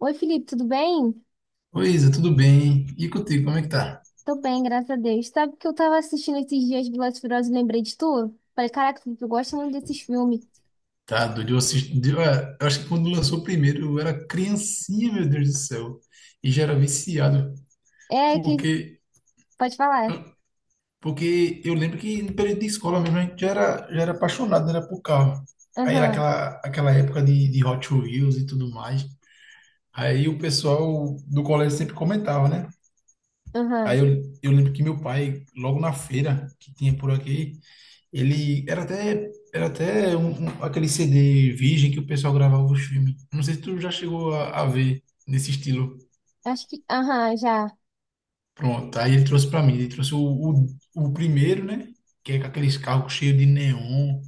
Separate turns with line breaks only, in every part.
Oi, Felipe, tudo bem?
Oi, Isa, tudo bem? E contigo, como é que tá?
Tô bem, graças a Deus. Sabe que eu tava assistindo esses dias Velozes e Furiosos e lembrei de tu? Falei, caraca, Felipe, eu gosto muito desses filmes.
Tá doido, eu assisti, eu acho que quando lançou o primeiro eu era criancinha, meu Deus do céu, e já era viciado,
É que.
porque,
Pode falar.
ah, porque eu lembro que no período de escola mesmo a gente já era apaixonado, né, era por carro. Aí era
Aham,
aquela, aquela época de Hot Wheels e tudo mais, aí o pessoal do colégio sempre comentava, né?
aham.
Aí eu, eu lembro que meu pai, logo na feira que tinha por aqui, ele era até aquele CD virgem que o pessoal gravava os filmes. Não sei se tu já chegou a ver nesse estilo.
Acho que. Aham, já.
Pronto, aí ele trouxe para mim. Ele trouxe o primeiro, né? Que é com aqueles carros cheios de neon,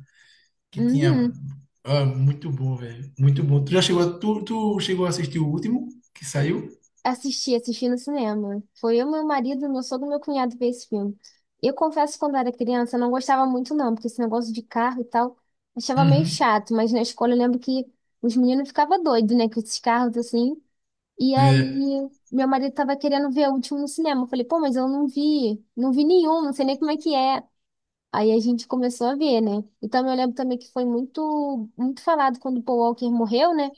que tinha.
Uhum.
Ah, muito bom, velho. Muito bom. Tu já chegou a, tu chegou a assistir o último que saiu?
Assisti, assisti no cinema. Foi eu, meu marido, meu sogro e meu cunhado ver esse filme. Eu confesso que quando era criança eu não gostava muito não, porque esse negócio de carro e tal, achava meio
Uhum.
chato, mas na escola eu lembro que os meninos ficavam doidos, né, com esses carros assim. E
É,
aí, meu marido tava querendo ver o último no cinema. Eu falei, pô, mas eu não vi nenhum, não sei nem como é que é. Aí a gente começou a ver, né? Então eu lembro também que foi muito, muito falado quando o Paul Walker morreu, né? O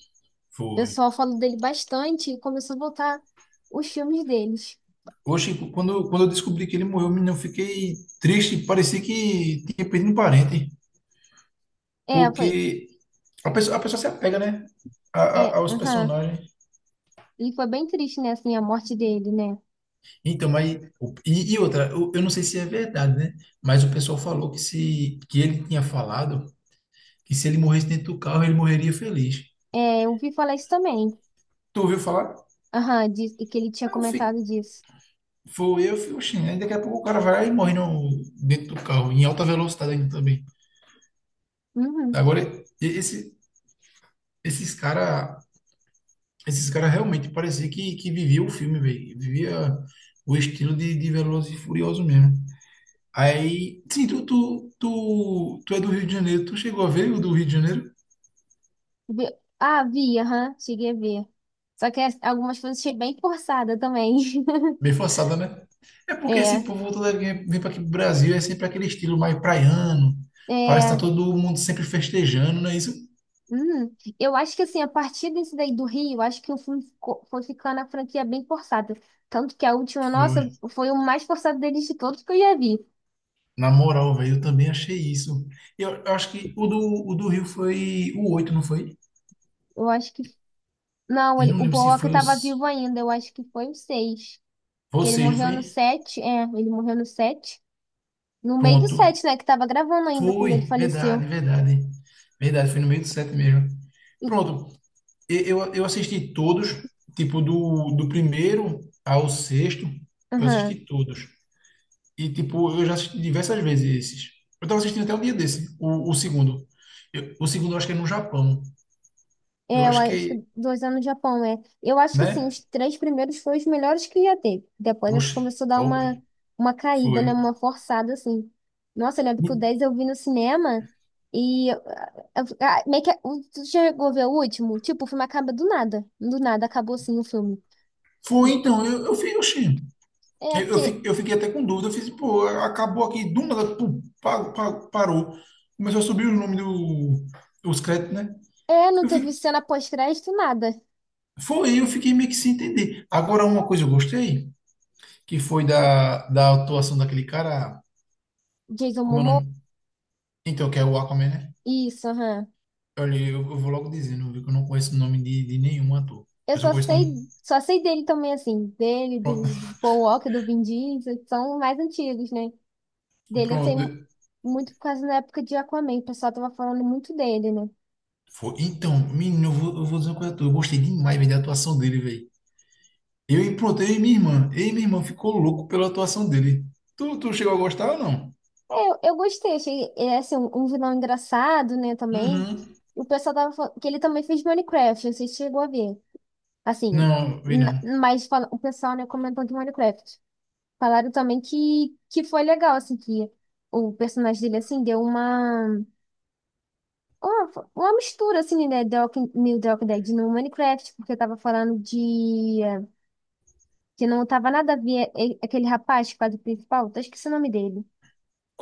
foi.
pessoal falou dele bastante e começou a voltar os filmes deles.
Oxe, quando, quando eu descobri que ele morreu, menino, eu fiquei triste. Parecia que tinha perdido um parente.
É, foi,
Porque a pessoa, a pessoa se apega, né?
é,
Aos
aham.
personagens.
E foi bem triste, né, assim, a morte dele, né?
Então, mas e outra, eu não sei se é verdade, né? Mas o pessoal falou que se que ele tinha falado que se ele morresse dentro do carro, ele morreria feliz.
É, eu vi falar isso também.
Tu ouviu falar?
Aham, diz que ele tinha
Aí eu fico.
comentado disso.
Foi eu, fico, oxi, aí daqui a pouco o cara vai lá e morre no, dentro do carro, em alta velocidade ainda também.
Uhum.
Agora, e- esse, esses cara, esses cara realmente parecia que vivia o filme, velho. Vivia o estilo de Velozes e Furiosos mesmo. Aí, sim, tu é do Rio de Janeiro, tu chegou a ver o do Rio de Janeiro?
Vi- Ah, vi, aham, cheguei a ver. Só que algumas coisas achei bem forçada também.
Bem forçada, né? É porque esse
É,
povo todo ele vem para aqui pro Brasil, é sempre aquele estilo mais praiano, parece que
é.
tá todo mundo sempre festejando, não é isso?
Eu acho que assim, a partir desse daí do Rio, eu acho que o filme foi ficando a franquia bem forçada. Tanto que a última, nossa,
Foi.
foi o mais forçado deles de todos que eu já vi.
Na moral, velho, eu também achei isso. Eu acho que o do Rio foi o 8, não foi?
Eu acho que. Não,
Eu
ele,
não
o
lembro
Paul
se
Walker
foi
tava vivo
os...
ainda, eu acho que foi o 6. Que ele
Vocês, não
morreu no
foi?
7. É, ele morreu no 7. No meio do
Pronto.
7, né? Que tava gravando ainda quando
Foi,
ele
verdade,
faleceu.
verdade. Verdade, foi no meio do 7 mesmo.
E-
Pronto. Eu assisti todos, tipo, do primeiro ao sexto, eu
Aham.
assisti todos. E, tipo, eu já assisti diversas vezes esses. Eu tava assistindo até um dia desse, o segundo. O segundo eu acho que é no Japão. Eu
É, eu
acho
acho que
que,
2 anos no Japão, é. Eu acho que, assim,
né?
os três primeiros foram os melhores que ia ter. Depois, acho que
Oxe,
começou a dar
top.
uma, caída,
Foi.
né? Uma forçada, assim. Nossa, eu lembro que o
E-
10 eu vi no cinema e meio que. Tu chegou a ver o último? Tipo, o filme acaba do nada. Do nada, acabou, assim, o filme.
Foi, então, eu fiz, oxi.
É, porque.
Eu fiquei até com dúvida. Eu fiz, pô, acabou aqui, do nada, pum, parou. Começou a subir o nome os créditos, né?
É, não
Eu
teve
fiquei,
cena pós-crédito, nada.
foi, eu fiquei meio que sem entender. Agora, uma coisa eu gostei, que foi da atuação daquele cara,
Jason
como é o
Momoa.
nome? Então, que é o Aquaman, né?
Isso, aham.
Olha, eu vou logo dizendo, viu, que eu não conheço o nome de nenhum ator.
Eu
Eu só
só
conheço o
sei,
nome.
só sei dele também, assim. Dele, do,
Pronto.
do Paul Walker, do Vin Diesel, que são mais antigos, né? Dele eu tenho
Pronto.
muito por causa da época de Aquaman. O pessoal tava falando muito dele, né?
Foi. Então, menino, eu vou dizer uma coisa a tu. Eu gostei demais, velho, da atuação dele, velho. Eu e pronto, eu e minha irmã. Eu e minha irmã ficou louco pela atuação dele. Tu, tu chegou a gostar ou não?
É, eu gostei, achei é, assim, um vilão engraçado, né, também.
Uhum.
O pessoal tava falando que ele também fez Minecraft, você chegou a ver. Assim,
Não, vi não.
mas o pessoal, né, comentou de Minecraft. Falaram também que foi legal, assim, que o personagem dele, assim, deu uma mistura, assim, né, The Walking, New The Walking Dead no Minecraft, porque tava falando de que não tava nada a ver, aquele rapaz que faz o principal. Tô esquecendo o nome dele.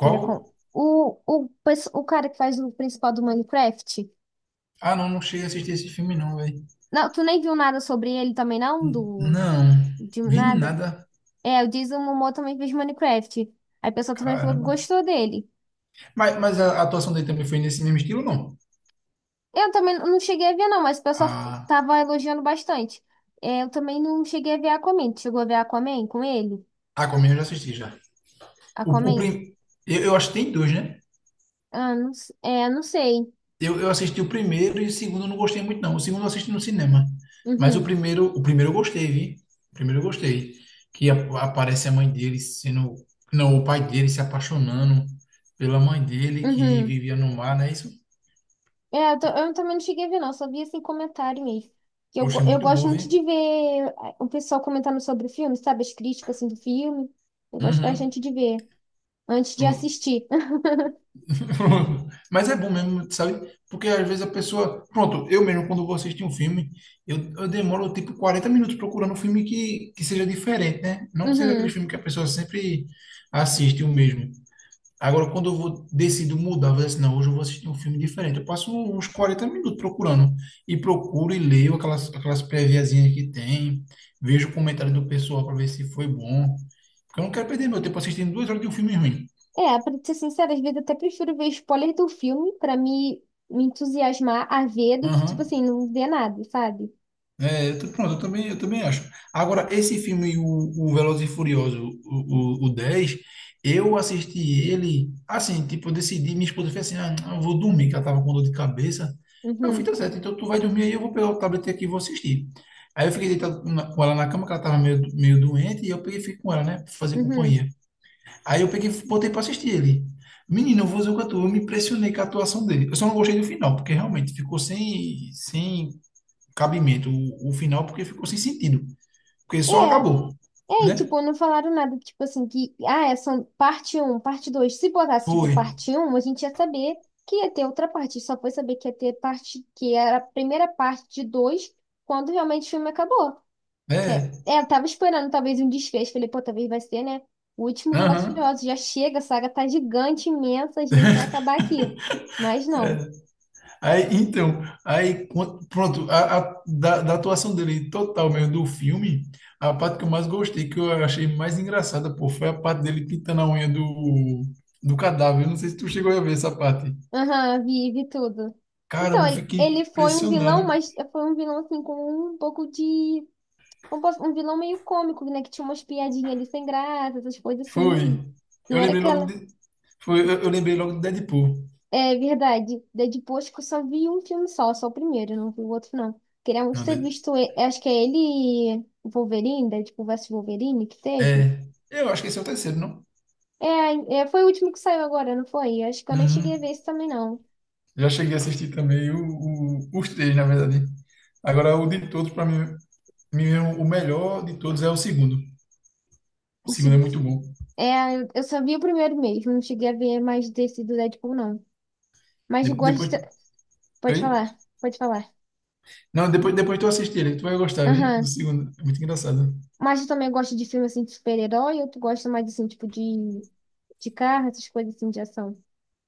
Que ele é com o cara que faz o principal do Minecraft.
Ah, não, não cheguei a assistir esse filme, não, velho.
Não, tu nem viu nada sobre ele também, não?
Não,
De
vi
nada?
nada.
É, o Jason Momoa também fez Minecraft. Aí o pessoal também falou que
Caramba.
gostou dele.
Mas a atuação dele também foi nesse mesmo estilo, não?
Eu também não cheguei a ver, não, mas o pessoal
Ah,
tava elogiando bastante. É, eu também não cheguei a ver Aquaman. Tu chegou a ver Aquaman com ele?
a Aquaman eu já assisti já. O, o
Aquaman?
prim... eu acho que tem dois, né?
Ah, não, é, não sei.
Eu assisti o primeiro e o segundo eu não gostei muito, não. O segundo eu assisti no cinema. Mas
Uhum,
o primeiro eu gostei, vi? O primeiro eu gostei. Que aparece a mãe dele sendo. Não, o pai dele se apaixonando pela mãe dele que
uhum.
vivia no mar, não é isso?
É, eu também não cheguei a ver, não, só vi assim comentário mesmo. Que Eu,
Eu achei
go- eu
muito
gosto
bom,
muito
vi?
de ver o pessoal comentando sobre o filme, sabe? As críticas assim, do filme. Eu gosto
Uhum.
bastante de ver antes de
Pronto.
assistir.
Pronto. Mas é bom mesmo, sabe? Porque às vezes a pessoa. Pronto, eu mesmo, quando vou assistir um filme, eu demoro tipo 40 minutos procurando um filme que seja diferente, né? Não que seja aquele
Uhum.
filme que a pessoa sempre assiste o mesmo. Agora, quando eu vou, decido mudar, vou dizer assim, não, hoje eu vou assistir um filme diferente. Eu passo uns 40 minutos procurando. E procuro e leio aquelas, aquelas préviazinhas que tem, vejo o comentário do pessoal para ver se foi bom. Porque eu não quero perder meu tempo assistindo duas horas de um filme ruim.
É, pra ser sincera, às vezes eu até prefiro ver spoiler do filme pra me entusiasmar a ver do que, tipo
Aham.
assim, não ver nada, sabe?
Pronto, eu também acho. Agora, esse filme, o Velozes e Furioso o 10 eu assisti ele, assim, tipo, eu decidi, minha esposa fez assim, ah, não, eu vou dormir, que ela tava com dor de cabeça. Eu falei,
Uhum,
tá certo, então tu vai dormir aí, eu vou pegar o tablet aqui e vou assistir. Aí eu fiquei deitado com ela na cama, que ela tava meio, meio doente, e eu peguei e fiquei com ela, né, pra fazer
uhum.
companhia. Aí eu peguei e botei pra assistir ele. Menino, eu vou dizer o que eu tô, eu me impressionei com a atuação dele. Eu só não gostei do final, porque realmente ficou sem, sem cabimento o final, porque ficou sem sentido. Porque
É,
só acabou,
é, e,
né?
tipo, não falaram nada, tipo assim, que, é só parte um, parte 2. Se botasse, tipo,
Foi.
parte um, a gente ia saber que ia ter outra parte. Só foi saber que ia ter parte, que era a primeira parte de 2 quando realmente o filme acabou. Que
É.
eu tava esperando talvez um desfecho. Falei, pô, talvez vai ser, né? O último Velozes e
Aham.
Furiosos já chega, a saga tá gigante, imensa, às vezes vai acabar aqui. Mas
É.
não.
Aí, então, aí, quan- pronto, da atuação dele total mesmo do filme, a parte que eu mais gostei, que eu achei mais engraçada, pô, foi a parte dele pintando a unha do cadáver. Eu não sei se tu chegou a ver essa parte.
Aham, vive tudo. Então,
Caramba, eu
ele,
fiquei
ele foi um vilão,
impressionado.
mas foi um vilão, assim, com um pouco de um vilão meio cômico, né? Que tinha umas piadinhas ali sem graça, essas coisas
Foi.
assim.
Eu
Não era
lembrei logo
aquela.
de, eu lembrei logo de Deadpool.
É verdade. Deadpool, acho que eu só vi um filme só, só o primeiro, não vi o outro, não. Queria muito
Não,
ter
Dead-
visto. Acho que é ele e o Wolverine, Deadpool vs Wolverine, que teve.
é. Eu acho que esse é o terceiro, não?
É, é, foi o último que saiu agora, não foi? Acho que eu nem
Uhum.
cheguei a ver esse também, não.
Já cheguei a assistir também os três, na verdade. Agora, o de todos, para mim, é o melhor de todos é o segundo. O
O,
segundo é
se-
muito bom.
É, eu só vi o primeiro mesmo, não cheguei a ver mais desse do Deadpool, não. Mas
De-
eu
depois.
gosto. Pode
Oi?
falar, pode falar.
Não, depois, depois tu assistir ele, tu vai gostar, viu? Do
Aham.
segundo. É muito engraçado.
Mas tu também gosta de filme assim de super-herói ou tu gosta mais assim, tipo, de carro, essas coisas assim de ação?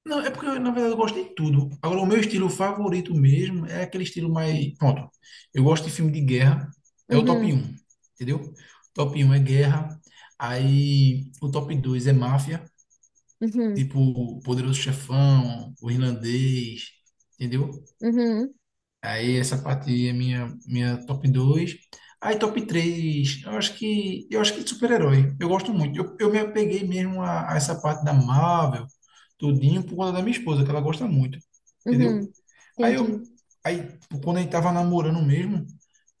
Não, é porque, na verdade, eu gosto de tudo. Agora, o meu estilo favorito mesmo é aquele estilo mais. Pronto. Eu gosto de filme de guerra. É o top
Uhum,
um entendeu? O top um é guerra. Aí o top 2 é máfia.
uhum,
Tipo Poderoso Chefão, o Irlandês, entendeu?
uhum,
Aí essa parte aí é minha, minha top 2. Aí top 3, eu acho que super-herói. Eu gosto muito. Eu me apeguei mesmo a essa parte da Marvel, tudinho, por conta da minha esposa, que ela gosta muito. Entendeu?
uhum,
Aí eu
entendi.
aí quando a gente tava namorando mesmo,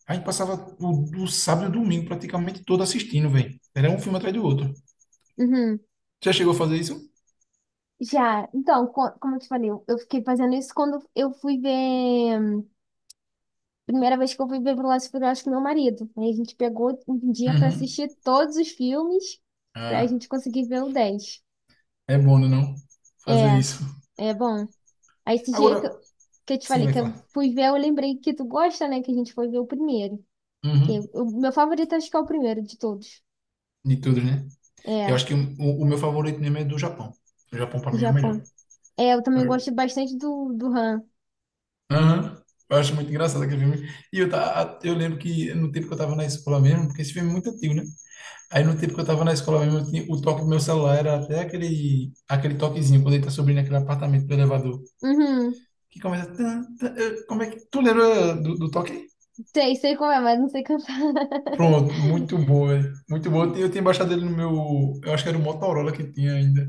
a gente passava do sábado e domingo praticamente todo assistindo, velho. Era um filme atrás do outro.
Uhum.
Já chegou a fazer isso?
Já, então, como eu te falei, eu fiquei fazendo isso quando eu fui ver. Primeira vez que eu fui ver Velozes e Furiosos com meu marido. Aí a gente pegou um dia pra
Uhum.
assistir todos os filmes pra gente conseguir ver o 10.
É bom, né, não? Fazer
É,
isso.
é bom. Aí esse
Agora,
dia que eu, te
sim,
falei
vai
que eu
falar.
fui ver, eu lembrei que tu gosta, né? Que a gente foi ver o primeiro. Que
Uhum.
o meu favorito acho que é o primeiro de todos.
De tudo, né? Eu
É,
acho que o meu favorito mesmo é do Japão. O Japão, pra mim, é o melhor.
Japão. É, eu também
Eu,
gosto bastante do Han.
aham. Eu acho muito engraçado aquele filme. Eu lembro que no tempo que eu tava na escola mesmo, porque esse filme é muito antigo, né? Aí no tempo que eu tava na escola mesmo, o toque do meu celular era até aquele, aquele toquezinho, quando ele tá subindo aquele apartamento do elevador.
Uhum.
Que começa. Tan, tan, como é que. Tu lembra do toque?
Sei, sei como é, mas não sei cantar.
Pronto, muito boa, velho. Muito boa. Eu tinha baixado ele no meu, eu acho que era o Motorola que tinha ainda.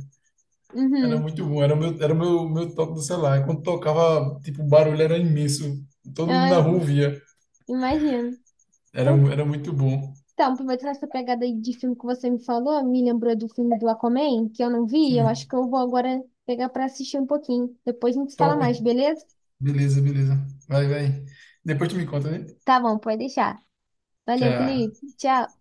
Era
Uhum.
muito bom, era o meu, meu toque do celular. E quando tocava, tipo, o barulho era imenso. Todo mundo na
Ah,
rua via.
imagino.
Era,
Então,
era muito bom.
então, aproveitando essa pegada aí de filme que você me falou, me lembrou do filme do Aquaman, que eu não vi. Eu
Sim,
acho que eu vou agora pegar pra assistir um pouquinho. Depois a gente se fala
top.
mais, beleza?
Beleza, beleza. Vai, vai. Depois tu me conta, né?
Tá bom, pode deixar. Valeu,
Tchau.
Felipe. Tchau.